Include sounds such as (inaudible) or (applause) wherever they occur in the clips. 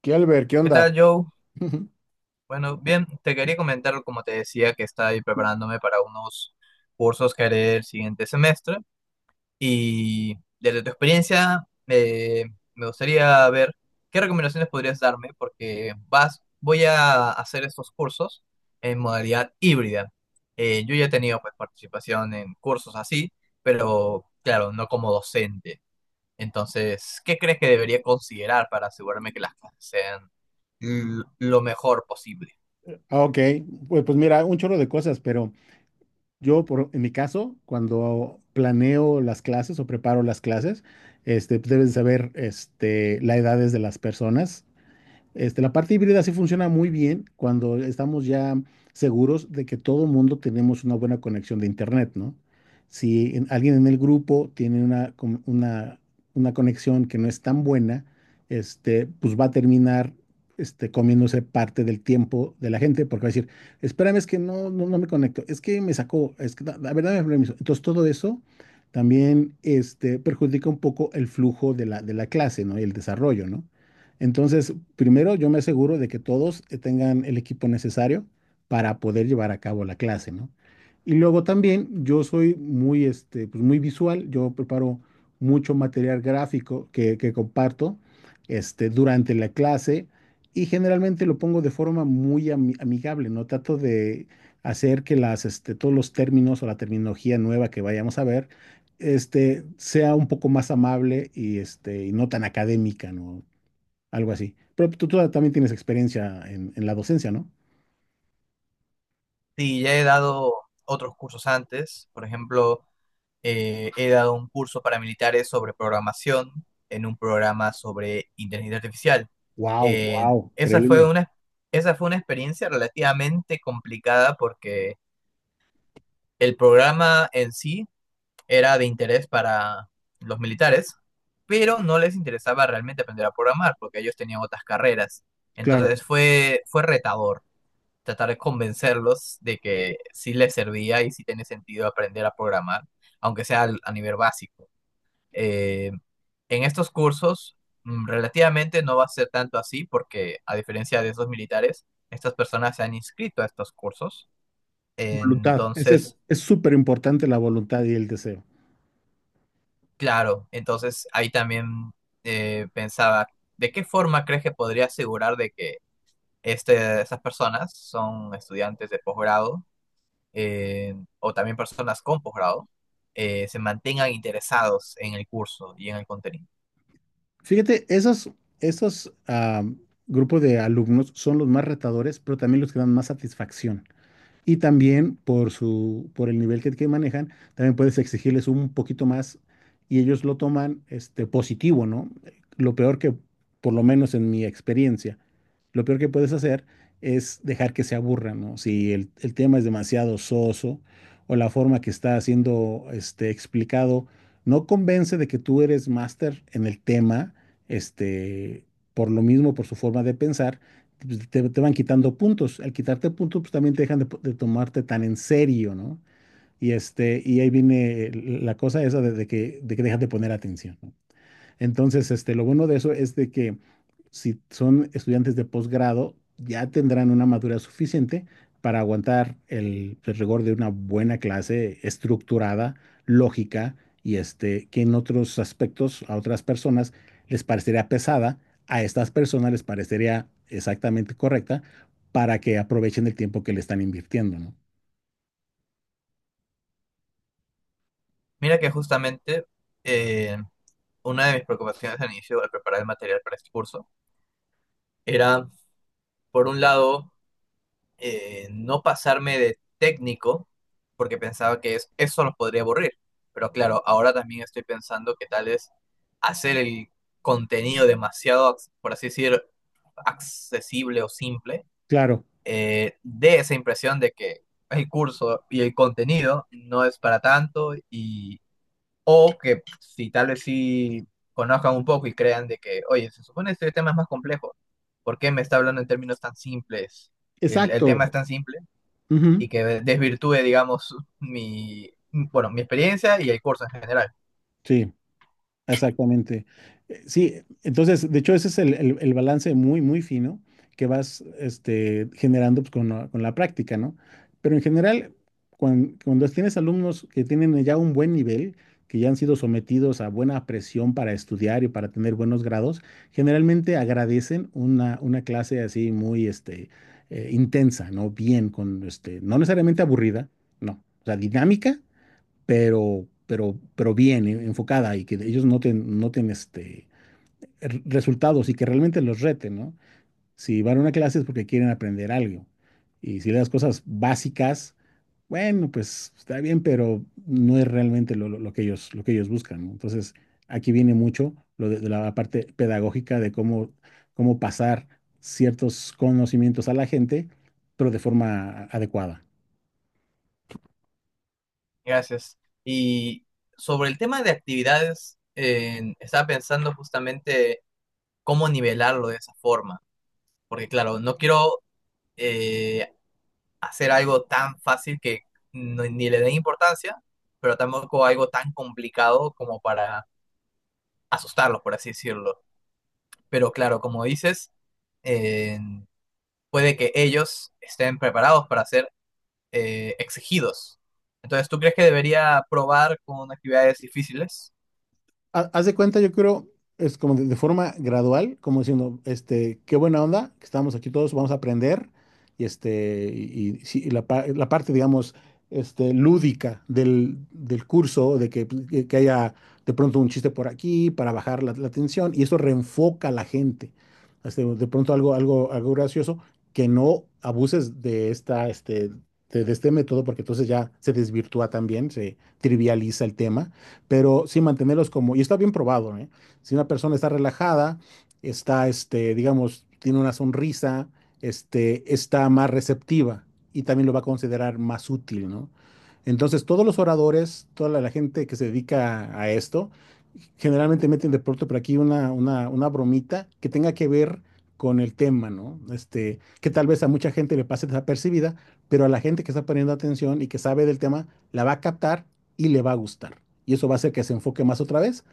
¿Qué Albert? ¿Qué ¿Qué tal, onda? Joe? (laughs) Bueno, bien, te quería comentar, como te decía, que estoy preparándome para unos cursos que haré el siguiente semestre y desde tu experiencia me gustaría ver qué recomendaciones podrías darme porque voy a hacer estos cursos en modalidad híbrida. Yo ya he tenido pues, participación en cursos así, pero claro, no como docente. Entonces, ¿qué crees que debería considerar para asegurarme que las clases sean lo mejor posible? Ah, ok. Pues mira, un chorro de cosas, pero en mi caso, cuando planeo las clases o preparo las clases, pues debes de saber la edades de las personas. La parte híbrida sí funciona muy bien cuando estamos ya seguros de que todo mundo tenemos una buena conexión de internet, ¿no? Si en- Alguien en el grupo tiene una conexión que no es tan buena, pues va a terminar comiéndose parte del tiempo de la gente, porque va a decir, espérame, es que no me conecto, es que me sacó, a ver, dame permiso. Entonces todo eso también perjudica un poco el flujo de la clase, ¿no? Y el desarrollo, ¿no? Entonces, primero yo me aseguro de que todos tengan el equipo necesario para poder llevar a cabo la clase, ¿no? Y luego también yo soy muy visual, yo preparo mucho material gráfico que comparto durante la clase y generalmente lo pongo de forma muy amigable, ¿no? Trato de hacer que todos los términos o la terminología nueva que vayamos a ver sea un poco más amable y no tan académica, ¿no? Algo así. Pero tú también tienes experiencia en la docencia, ¿no? Sí, ya he dado otros cursos antes, por ejemplo, he dado un curso para militares sobre programación en un programa sobre inteligencia artificial. Wow, Eh, wow, esa fue increíble. una, esa fue una experiencia relativamente complicada porque el programa en sí era de interés para los militares, pero no les interesaba realmente aprender a programar porque ellos tenían otras carreras. Claro, Entonces fue retador tratar de convencerlos de que sí les servía y sí tiene sentido aprender a programar, aunque sea a nivel básico. Eh, en estos cursos relativamente no va a ser tanto así porque a diferencia de esos militares, estas personas se han inscrito a estos cursos. voluntad. Ese Entonces. Es súper importante la voluntad y el deseo. Claro, entonces ahí también pensaba, ¿de qué forma crees que podría asegurar de que esas personas son estudiantes de posgrado eh, o también personas con posgrado se mantengan interesados en el curso y en el contenido? Fíjate, esos grupos de alumnos son los más retadores, pero también los que dan más satisfacción. Y también por el nivel que manejan, también puedes exigirles un poquito más y ellos lo toman positivo, ¿no? Lo peor que, por lo menos en mi experiencia, lo peor que puedes hacer es dejar que se aburran, ¿no? Si el tema es demasiado soso o la forma que está siendo explicado no convence de que tú eres máster en el tema, este, por lo mismo, por su forma de pensar pues, te van quitando puntos. Al quitarte puntos, pues también te dejan de tomarte tan en serio, ¿no? Y ahí viene la cosa esa de que dejas de poner atención, ¿no? Entonces, lo bueno de eso es de que si son estudiantes de posgrado, ya tendrán una madurez suficiente para aguantar el rigor de una buena clase estructurada, lógica y que en otros aspectos a otras personas les parecería pesada, a estas personas les parecería exactamente correcta para que aprovechen el tiempo que le están invirtiendo, ¿no? Mira que justamente eh, una de mis preocupaciones al inicio al preparar el material para este curso era, por un lado, no pasarme de técnico porque pensaba que eso los podría aburrir. Pero claro, ahora también estoy pensando que tal es hacer el contenido demasiado, por así decir, accesible o simple, Claro, dé esa impresión de que el curso y el contenido no es para tanto y o que si tal vez sí conozcan un poco y crean de que, oye, se supone que este tema es más complejo, ¿por qué me está hablando en términos tan simples? El tema es exacto. tan simple Ujú. y que desvirtúe, digamos, mi, bueno, mi experiencia y el curso en general. Sí. Exactamente. Sí, entonces, de hecho, ese es el balance muy, muy fino que vas generando pues, con la práctica, ¿no? Pero en general, cuando tienes alumnos que tienen ya un buen nivel, que ya han sido sometidos a buena presión para estudiar y para tener buenos grados, generalmente agradecen una clase así muy intensa, ¿no? Bien, con no necesariamente aburrida, no, o sea, dinámica, pero bien enfocada y que ellos resultados y que realmente los reten, ¿no? Si van a una clase es porque quieren aprender algo. Y si le das cosas básicas, bueno, pues está bien, pero no es realmente lo que ellos buscan, ¿no? Entonces, aquí viene mucho lo de la parte pedagógica de cómo, cómo pasar ciertos conocimientos a la gente, pero de forma adecuada. Gracias. Y sobre el tema de actividades, estaba pensando justamente cómo nivelarlo de esa forma, porque claro, no quiero eh, hacer algo tan fácil que ni le den importancia, pero tampoco algo tan complicado como para asustarlos, por así decirlo. Pero claro, como dices, eh, puede que ellos estén preparados para hacer exigidos. Entonces, ¿tú crees que debería probar con actividades difíciles? Haz de cuenta, yo creo, es como de forma gradual, como diciendo, este, qué buena onda, que estamos aquí todos, vamos a aprender, y sí, la parte, digamos, lúdica del curso, de que, pues, que haya de pronto un chiste por aquí para bajar la tensión, y eso reenfoca a la gente. Este, de pronto algo gracioso, que no abuses de esta, este, de este método, porque entonces ya se desvirtúa también, se trivializa el tema, pero sí mantenerlos como, y está bien probado, ¿eh? Si una persona está relajada, está, este, digamos, tiene una sonrisa, este, está más receptiva y también lo va a considerar más útil, ¿no? Entonces, todos los oradores, toda la gente que se dedica a esto, generalmente meten de pronto por aquí una bromita que tenga que ver con el tema, ¿no? Este, que tal vez a mucha gente le pase desapercibida, pero a la gente que está poniendo atención y que sabe del tema, la va a captar y le va a gustar y eso va a hacer que se enfoque más otra vez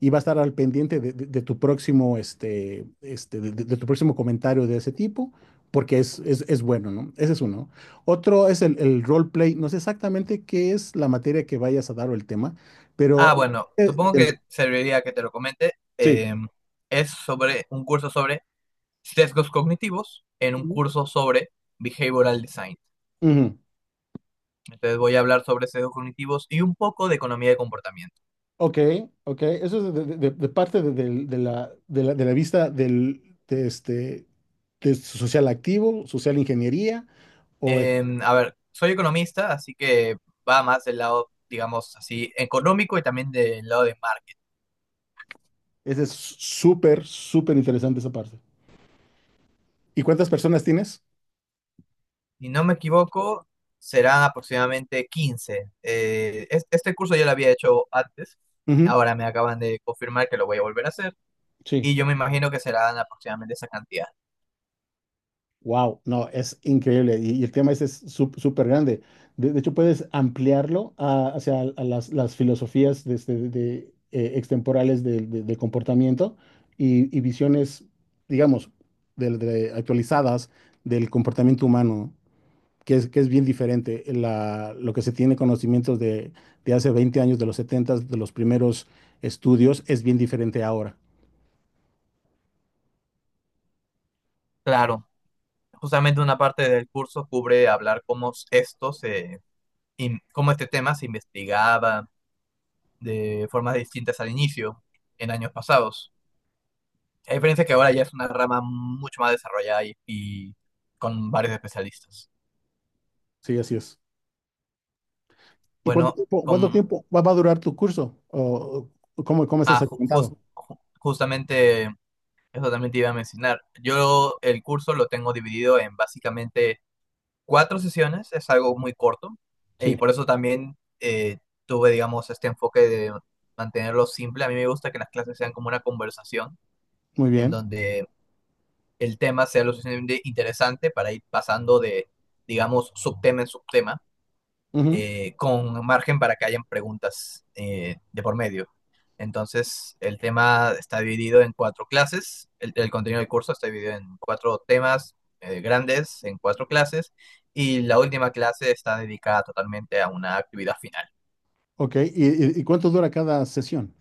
y va a estar al pendiente de tu próximo, este, de tu próximo comentario de ese tipo, porque es bueno, ¿no? Ese es uno. Otro es el roleplay. No sé exactamente qué es la materia que vayas a dar o el tema, Ah, pero... bueno, eh, supongo que del- serviría que te lo comente. sí. Es sobre un curso sobre sesgos cognitivos en un Ujú. curso sobre behavioral design. Ujú. Entonces voy a hablar sobre sesgos cognitivos y un poco de economía de comportamiento. Ok, ok. Eso es de parte de la vista de de social activo, social ingeniería. A ver, soy economista, así que va más del lado, digamos así, económico y también del lado de marketing. Ese es súper, súper interesante esa parte. ¿Y cuántas personas tienes? Si no me equivoco, serán aproximadamente 15. Este curso yo lo había hecho antes, Ujú. ahora me acaban de confirmar que lo voy a volver a hacer Sí. y yo me imagino que serán aproximadamente esa cantidad. Wow, no, es increíble. Y el tema ese es súper grande. De hecho, puedes ampliarlo hacia a las filosofías extemporales del comportamiento y visiones, digamos, de actualizadas del comportamiento humano. Que es bien diferente, lo que se tiene conocimientos de hace 20 años, de los 70, de los primeros estudios, es bien diferente ahora. Claro, justamente una parte del curso cubre hablar cómo esto se, cómo este tema se investigaba de formas distintas al inicio en años pasados. A diferencia que ahora ya es una rama mucho más desarrollada y con varios especialistas. Sí, así es. ¿Y cuánto Bueno, tiempo, cuánto con. tiempo va a durar tu curso? ¿O cómo, cómo estás Ah, segmentado? Justamente eso también te iba a mencionar. Yo el curso lo tengo dividido en básicamente cuatro sesiones, es algo muy corto Sí, y por eso también tuve, digamos, este enfoque de mantenerlo simple. A mí me gusta que las clases sean como una conversación muy en bien. donde el tema sea lo suficientemente interesante para ir pasando de, digamos, subtema en subtema Ujú. Con margen para que hayan preguntas de por medio. Entonces, el tema está dividido en cuatro clases, el contenido del curso está dividido en cuatro temas grandes, en cuatro clases, y la última clase está dedicada totalmente a una actividad final. Ok, ¿y cuánto dura cada sesión?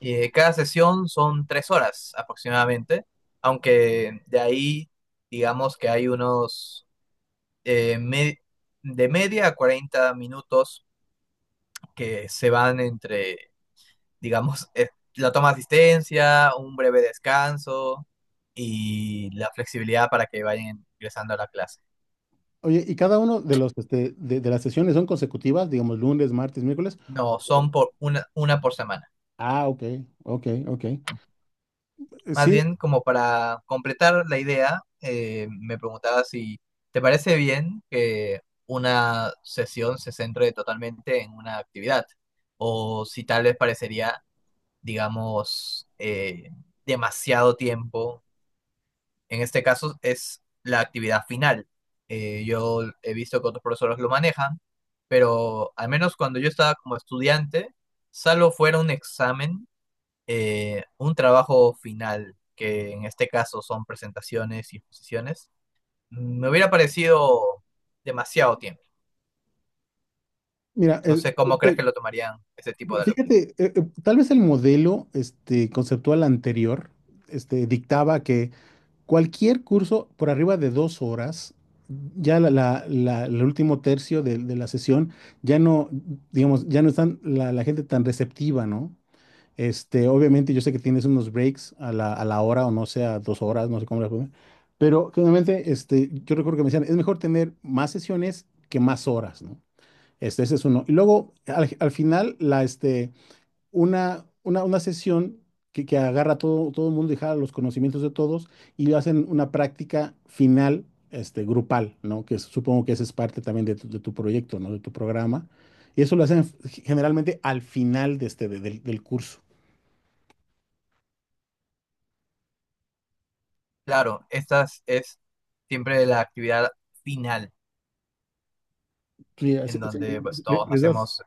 Y cada sesión son 3 horas aproximadamente, aunque de ahí, digamos que hay unos eh, me- de media a 40 minutos que se van entre digamos, la toma de asistencia, un breve descanso y la flexibilidad para que vayan ingresando a la clase. Oye, ¿y cada uno de los de las sesiones son consecutivas, digamos lunes, martes, miércoles? No, son O- por una por semana. Ah, ok, ok, ok. Más Sí, bien, como para completar la idea, me preguntaba si te parece bien que una sesión se centre totalmente en una actividad o si tal vez parecería, digamos, demasiado tiempo. En este caso es la actividad final. Yo he visto que otros profesores lo manejan, pero al menos cuando yo estaba como estudiante, salvo fuera un examen, un trabajo final, que en este caso son presentaciones y exposiciones, me hubiera parecido demasiado tiempo. mira, No el- sé cómo crees que lo tomarían ese tipo de alumnos. Fíjate, tal vez el modelo conceptual anterior dictaba que cualquier curso por arriba de 2 horas, ya el último tercio de la sesión, ya no, digamos, ya no están la gente tan receptiva, ¿no? Obviamente yo sé que tienes unos breaks a la hora o no sé, a 2 horas, no sé cómo la pongan, pero generalmente yo recuerdo que me decían, es mejor tener más sesiones que más horas, ¿no? Ese es uno. Y luego, al final, la, este, una sesión que agarra a todo el mundo y jala los conocimientos de todos y hacen una práctica final grupal, ¿no? Que es- supongo que esa es parte también de tu proyecto, ¿no? De tu programa. Y eso lo hacen generalmente al final de este, del curso. Claro, esta es siempre la actividad final, Sí, así- en así, donde pues todos les das, hacemos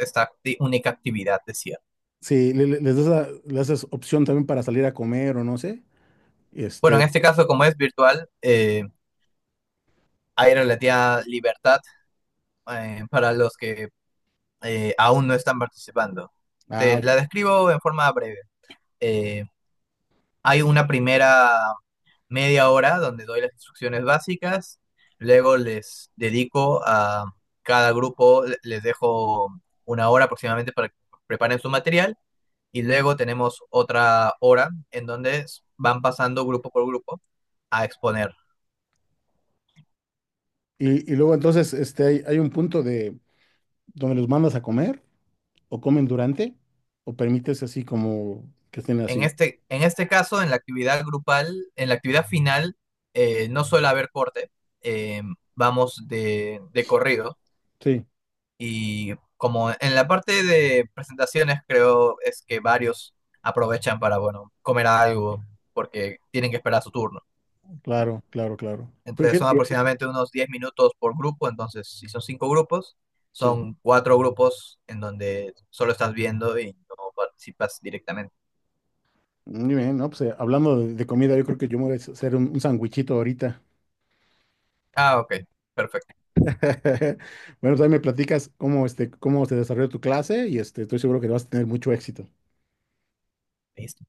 esta única actividad, decía. sí, les das, le haces opción también para salir a comer o no sé. Bueno, en Este, este caso, como es virtual, hay relativa libertad para los que aún no están participando. ah, Te la describo en forma breve. Eh, hay una primera media hora donde doy las instrucciones básicas, luego les dedico a cada grupo, les dejo una hora aproximadamente para que preparen su material y luego tenemos otra hora en donde van pasando grupo por grupo a exponer. y luego entonces hay un punto de donde los mandas a comer, o comen durante, o permites así como que estén así. En este caso, en la actividad grupal, en la actividad final, no suele haber corte, eh, vamos de, corrido Sí, y como en la parte de presentaciones creo es que varios aprovechan para, bueno, comer algo porque tienen que esperar su turno. claro, claro, claro. Pero Entonces son fíjate, aproximadamente unos 10 minutos por grupo, entonces si son cinco grupos, sí. son cuatro grupos en donde solo estás viendo y no participas directamente. Muy bien, ¿no? Pues hablando de comida, yo creo que yo me voy a hacer un sandwichito ahorita. Ah, ok, perfecto. (laughs) Bueno, también me platicas cómo, este, cómo se desarrolló tu clase y este, estoy seguro que vas a tener mucho éxito. Listo.